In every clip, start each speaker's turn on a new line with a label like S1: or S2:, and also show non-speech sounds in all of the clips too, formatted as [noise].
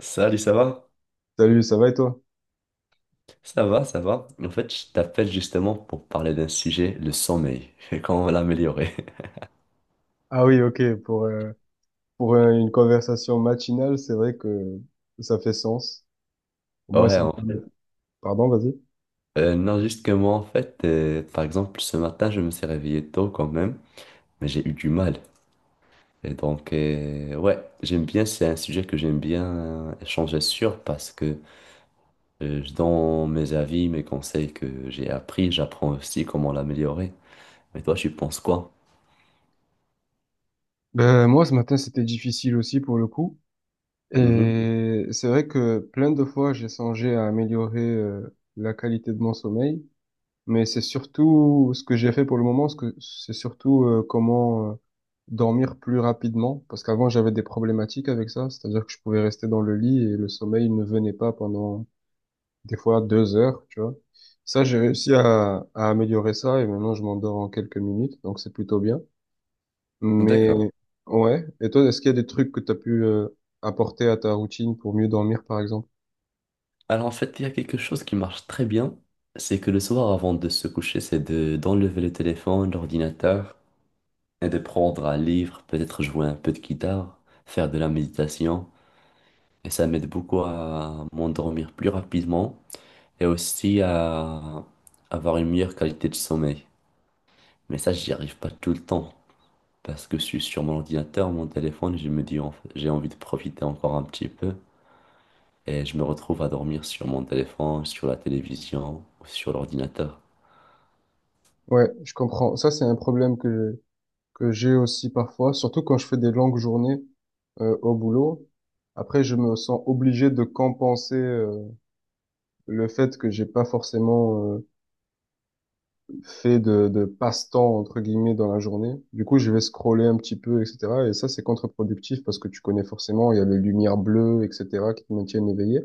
S1: Salut, ça va?
S2: Salut, ça va et toi?
S1: Ça va, ça va. En fait, je t'appelle justement pour parler d'un sujet, le sommeil, [laughs] et comment l'améliorer. [laughs]
S2: Ah oui, ok, pour une conversation matinale, c'est vrai que ça fait sens. Au moins,
S1: Ouais,
S2: ça me
S1: en
S2: permet...
S1: fait.
S2: Pardon, vas-y.
S1: Non, juste que moi, en fait, par exemple, ce matin, je me suis réveillé tôt quand même, mais j'ai eu du mal. Et donc, ouais, j'aime bien, c'est un sujet que j'aime bien échanger sur parce que je donne mes avis, mes conseils que j'ai appris, j'apprends aussi comment l'améliorer. Mais toi, tu penses quoi?
S2: Ben, moi, ce matin, c'était difficile aussi pour le coup.
S1: Mhm.
S2: Et c'est vrai que plein de fois, j'ai songé à améliorer la qualité de mon sommeil. Mais c'est surtout ce que j'ai fait pour le moment, ce que c'est surtout comment dormir plus rapidement. Parce qu'avant, j'avais des problématiques avec ça. C'est-à-dire que je pouvais rester dans le lit et le sommeil ne venait pas pendant des fois 2 heures, tu vois. Ça, j'ai réussi à améliorer ça et maintenant je m'endors en quelques minutes, donc c'est plutôt bien. Mais
S1: D'accord.
S2: ouais, et toi, est-ce qu'il y a des trucs que tu as pu apporter à ta routine pour mieux dormir, par exemple?
S1: Alors en fait, il y a quelque chose qui marche très bien, c'est que le soir avant de se coucher, c'est de d'enlever le téléphone, l'ordinateur, et de prendre un livre, peut-être jouer un peu de guitare, faire de la méditation, et ça m'aide beaucoup à m'endormir plus rapidement, et aussi à avoir une meilleure qualité de sommeil. Mais ça, j'y arrive pas tout le temps, parce que je suis sur mon ordinateur, mon téléphone, et je me dis, en fait, j'ai envie de profiter encore un petit peu, et je me retrouve à dormir sur mon téléphone, sur la télévision, ou sur l'ordinateur.
S2: Ouais, je comprends. Ça, c'est un problème que j'ai aussi parfois, surtout quand je fais des longues journées au boulot. Après, je me sens obligé de compenser le fait que j'ai pas forcément fait de passe-temps, entre guillemets, dans la journée. Du coup, je vais scroller un petit peu, etc. Et ça, c'est contre-productif parce que tu connais forcément, il y a les lumières bleues, etc., qui te maintiennent éveillé.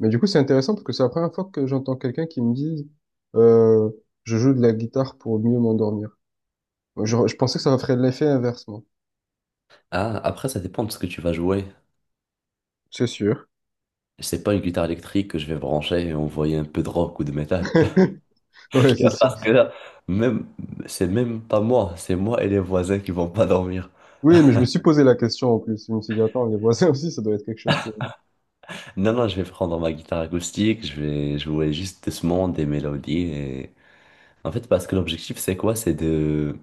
S2: Mais du coup, c'est intéressant parce que c'est la première fois que j'entends quelqu'un qui me dise, euh, je joue de la guitare pour mieux m'endormir. Je pensais que ça ferait l'effet inverse, moi.
S1: Ah, après, ça dépend de ce que tu vas jouer.
S2: C'est sûr.
S1: C'est pas une guitare électrique que je vais brancher et envoyer un peu de rock ou de métal. [laughs]
S2: [laughs] Ouais,
S1: Tu
S2: c'est
S1: vois,
S2: sûr.
S1: parce que là, même, c'est même pas moi, c'est moi et les voisins qui vont pas dormir.
S2: Oui, mais je me suis posé la question en plus. Je me suis dit, attends, les voisins aussi, ça doit être quelque chose pour eux.
S1: Non, non, je vais prendre ma guitare acoustique, je vais jouer juste doucement des mélodies et... En fait, parce que l'objectif, c'est quoi? C'est de,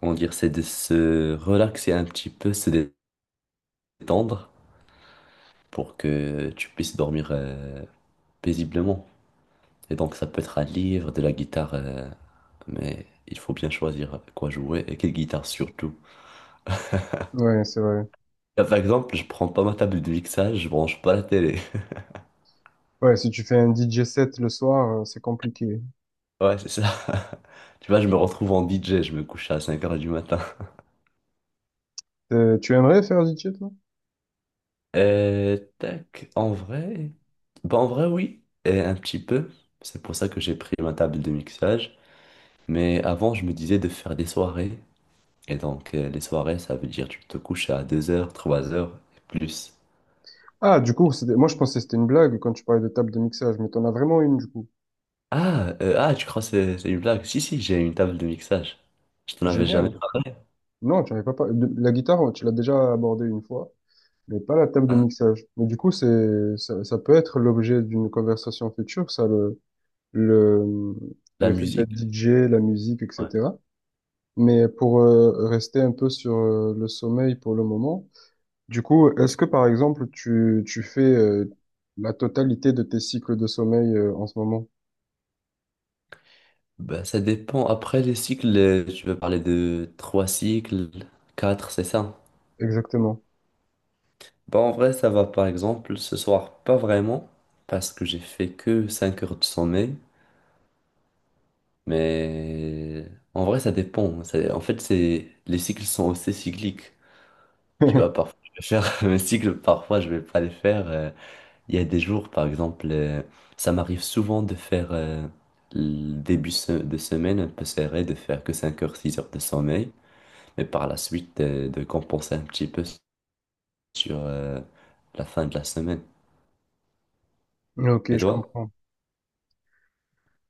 S1: comment dire, c'est de se relaxer un petit peu, se détendre pour que tu puisses dormir paisiblement. Et donc ça peut être un livre, de la guitare, mais il faut bien choisir avec quoi jouer et quelle guitare surtout.
S2: Ouais, c'est vrai.
S1: Là, par exemple, je prends pas ma table de mixage, je branche pas la télé. [laughs]
S2: Ouais, si tu fais un DJ set le soir, c'est compliqué.
S1: Ouais, c'est ça. [laughs] Tu vois, je me retrouve en DJ, je me couche à cinq heures du matin.
S2: Tu aimerais faire DJ, toi?
S1: Tac, en vrai... Bah en vrai, oui, et un petit peu. C'est pour ça que j'ai pris ma table de mixage. Mais avant, je me disais de faire des soirées. Et donc, les soirées, ça veut dire tu te couches à deux heures, trois heures et plus.
S2: Ah, du coup, c'était... moi je pensais que c'était une blague quand tu parlais de table de mixage, mais t'en as vraiment une, du coup.
S1: Ah, tu crois que c'est une blague? Si, si, j'ai une table de mixage. Je t'en avais jamais
S2: Génial.
S1: parlé.
S2: Non, tu n'avais pas la guitare, tu l'as déjà abordée une fois, mais pas la table de
S1: Hein.
S2: mixage. Mais du coup, c'est ça, ça peut être l'objet d'une conversation future, ça, le,
S1: La
S2: le fait
S1: musique,
S2: d'être DJ, la musique,
S1: ouais.
S2: etc. Mais pour rester un peu sur le sommeil pour le moment, du coup, est-ce que par exemple, tu fais la totalité de tes cycles de sommeil en ce moment?
S1: Bah, ça dépend. Après les cycles, tu veux parler de trois cycles, quatre, c'est ça?
S2: Exactement.
S1: Bah, en vrai, ça va par exemple ce soir, pas vraiment, parce que j'ai fait que 5 heures de sommeil. Mais en vrai, ça dépend. En fait, c'est les cycles sont aussi cycliques. Tu vois,
S2: [laughs]
S1: parfois, je vais faire [laughs] mes cycles, parfois, je vais pas les faire. Il y a des jours, par exemple, ça m'arrive souvent de faire le début de semaine un peu serré, de faire que 5 heures, 6 heures de sommeil, mais par la suite de compenser un petit peu sur la fin de la semaine.
S2: Ok,
S1: Et
S2: je
S1: toi?
S2: comprends.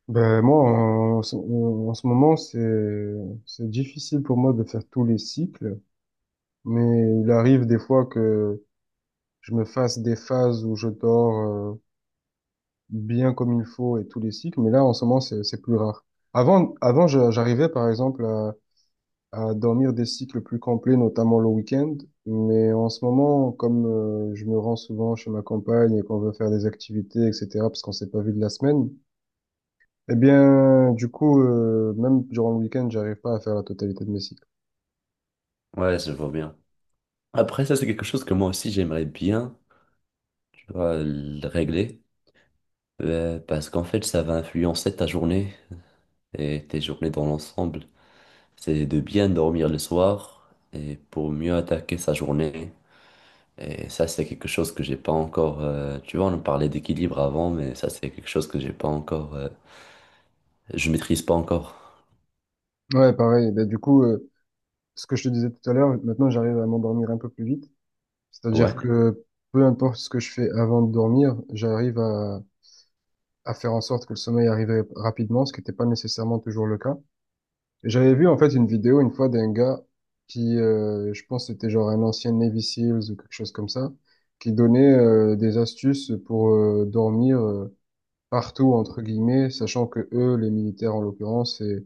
S2: Ben, moi, en ce moment, c'est difficile pour moi de faire tous les cycles, mais il arrive des fois que je me fasse des phases où je dors euh, bien comme il faut et tous les cycles, mais là, en ce moment, c'est plus rare. Avant, avant, j'arrivais, par exemple, à dormir des cycles plus complets, notamment le week-end, mais en ce moment, comme je me rends souvent chez ma compagne et qu'on veut faire des activités, etc., parce qu'on s'est pas vu de la semaine, eh bien, du coup, même durant le week-end, j'arrive pas à faire la totalité de mes cycles.
S1: Ouais, je vois bien. Après, ça, c'est quelque chose que moi aussi j'aimerais bien, tu vois, le régler, parce qu'en fait, ça va influencer ta journée et tes journées dans l'ensemble. C'est de bien dormir le soir et pour mieux attaquer sa journée. Et ça, c'est quelque chose que j'ai pas encore. Tu vois, on parlait d'équilibre avant, mais ça, c'est quelque chose que j'ai pas encore. Je maîtrise pas encore.
S2: Ouais, pareil. Ben, du coup, ce que je te disais tout à l'heure, maintenant, j'arrive à m'endormir un peu plus vite. C'est-à-dire
S1: Ouais,
S2: que peu importe ce que je fais avant de dormir, j'arrive à faire en sorte que le sommeil arrive rapidement, ce qui n'était pas nécessairement toujours le cas. Et j'avais vu, en fait, une vidéo une fois d'un gars qui, je pense, que c'était genre un ancien Navy SEALs ou quelque chose comme ça, qui donnait des astuces pour dormir partout entre guillemets, sachant que eux, les militaires en l'occurrence,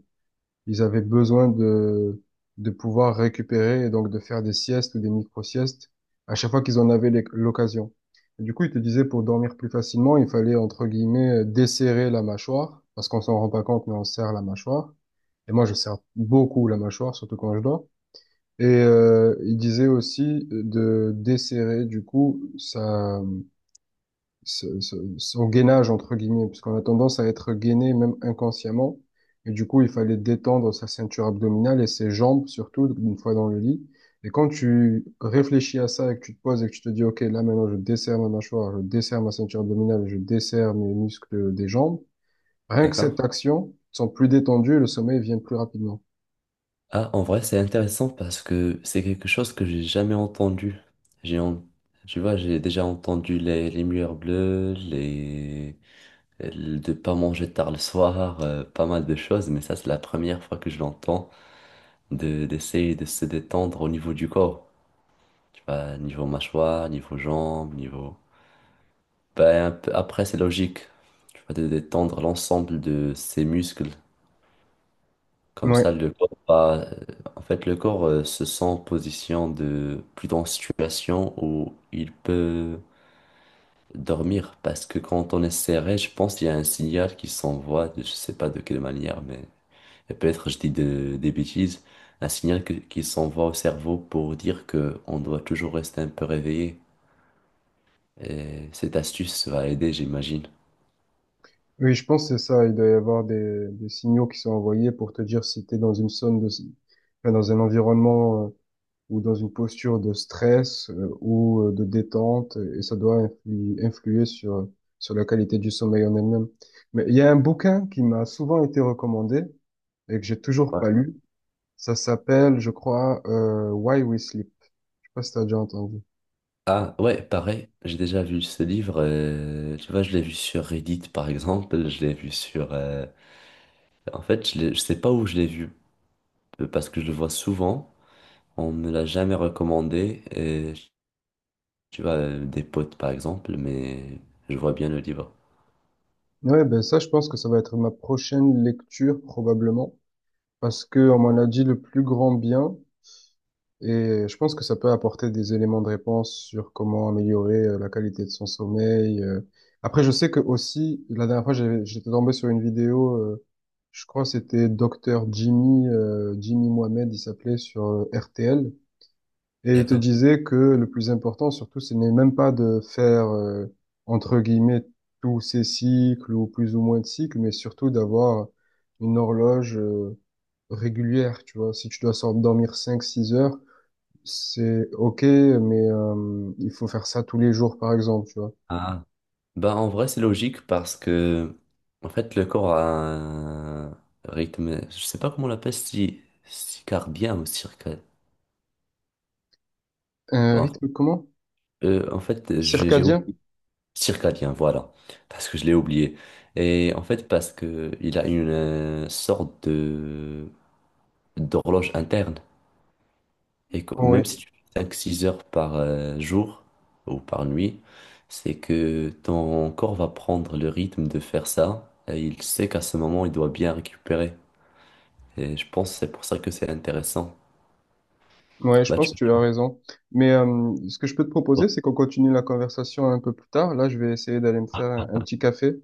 S2: ils avaient besoin de pouvoir récupérer et donc de faire des siestes ou des micro-siestes à chaque fois qu'ils en avaient l'occasion. Et du coup, ils te disaient pour dormir plus facilement, il fallait entre guillemets desserrer la mâchoire parce qu'on s'en rend pas compte, mais on serre la mâchoire. Et moi, je serre beaucoup la mâchoire, surtout quand je dors. Et il disait aussi de desserrer du coup ça son gainage, entre guillemets, puisqu'on a tendance à être gainé même inconsciemment. Et du coup, il fallait détendre sa ceinture abdominale et ses jambes, surtout une fois dans le lit. Et quand tu réfléchis à ça et que tu te poses et que tu te dis, OK, là maintenant, je desserre ma mâchoire, je desserre ma ceinture abdominale, je desserre mes muscles des jambes, rien que
S1: d'accord.
S2: cette action, ils sont plus détendus et le sommeil vient plus rapidement.
S1: Ah, en vrai, c'est intéressant parce que c'est quelque chose que j'ai jamais entendu. J'ai, en- Tu vois, j'ai déjà entendu les murs bleus, de pas manger tard le soir, pas mal de choses, mais ça, c'est la première fois que je l'entends de d'essayer de se détendre au niveau du corps. Tu vois, niveau mâchoire, niveau jambes, niveau. Après, c'est logique. Tu vas te détendre l'ensemble de ses muscles. Comme
S2: Ouais.
S1: ça, le corps va... En fait, le corps se sent en position de... plutôt en situation où il peut dormir. Parce que quand on est serré, je pense qu'il y a un signal qui s'envoie, je sais pas de quelle manière, mais et peut-être je dis des bêtises, un signal qui s'envoie au cerveau pour dire que on doit toujours rester un peu réveillé. Et cette astuce va aider, j'imagine.
S2: Oui, je pense que c'est ça. Il doit y avoir des signaux qui sont envoyés pour te dire si tu es dans une zone de, enfin, dans un environnement ou dans une posture de stress ou de détente, et ça doit influer sur la qualité du sommeil en elle-même. Mais il y a un bouquin qui m'a souvent été recommandé et que j'ai toujours pas
S1: Ouais.
S2: lu. Ça s'appelle, je crois, Why We Sleep. Je sais pas si t'as déjà entendu.
S1: Ah ouais, pareil, j'ai déjà vu ce livre, tu vois, je l'ai vu sur Reddit par exemple, je l'ai vu sur... En fait, je sais pas où je l'ai vu, parce que je le vois souvent, on me l'a jamais recommandé, et, tu vois, des potes par exemple, mais je vois bien le livre.
S2: Ouais, ben ça, je pense que ça va être ma prochaine lecture probablement, parce que on m'en a dit le plus grand bien. Et je pense que ça peut apporter des éléments de réponse sur comment améliorer la qualité de son sommeil. Après, je sais que aussi, la dernière fois, j'étais tombé sur une vidéo, je crois que c'était Docteur Jimmy, Jimmy Mohamed, il s'appelait sur RTL. Et il te
S1: D'accord.
S2: disait que le plus important, surtout, ce n'est même pas de faire, entre guillemets, tous ces cycles ou plus ou moins de cycles, mais surtout d'avoir une horloge, régulière, tu vois. Si tu dois dormir 5 6 heures, c'est ok, mais il faut faire ça tous les jours, par exemple, tu vois.
S1: Ah. Bah en vrai, c'est logique parce que, en fait, le corps a un rythme, je sais pas comment on l'appelle, si... cardien ou circadien.
S2: Un
S1: Bon,
S2: rythme comment?
S1: en fait, j'ai
S2: Circadien?
S1: oublié. Circadien, voilà. Parce que je l'ai oublié. Et en fait, parce que il a une sorte de d'horloge interne. Et que
S2: Ouais,
S1: même si tu fais cinq six heures par jour ou par nuit, c'est que ton corps va prendre le rythme de faire ça. Et il sait qu'à ce moment, il doit bien récupérer. Et je pense que c'est pour ça que c'est intéressant.
S2: ouais, je
S1: Bah,
S2: pense
S1: tu-
S2: que tu as raison. Mais ce que je peux te proposer, c'est qu'on continue la conversation un peu plus tard. Là, je vais essayer d'aller me faire un petit café.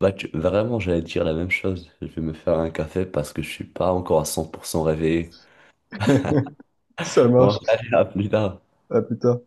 S1: Vraiment, j'allais dire la même chose. Je vais me faire un café parce que je suis pas encore à 100% réveillé.
S2: [laughs] Ça
S1: Bon,
S2: marche.
S1: allez, à plus tard.
S2: À plus tard.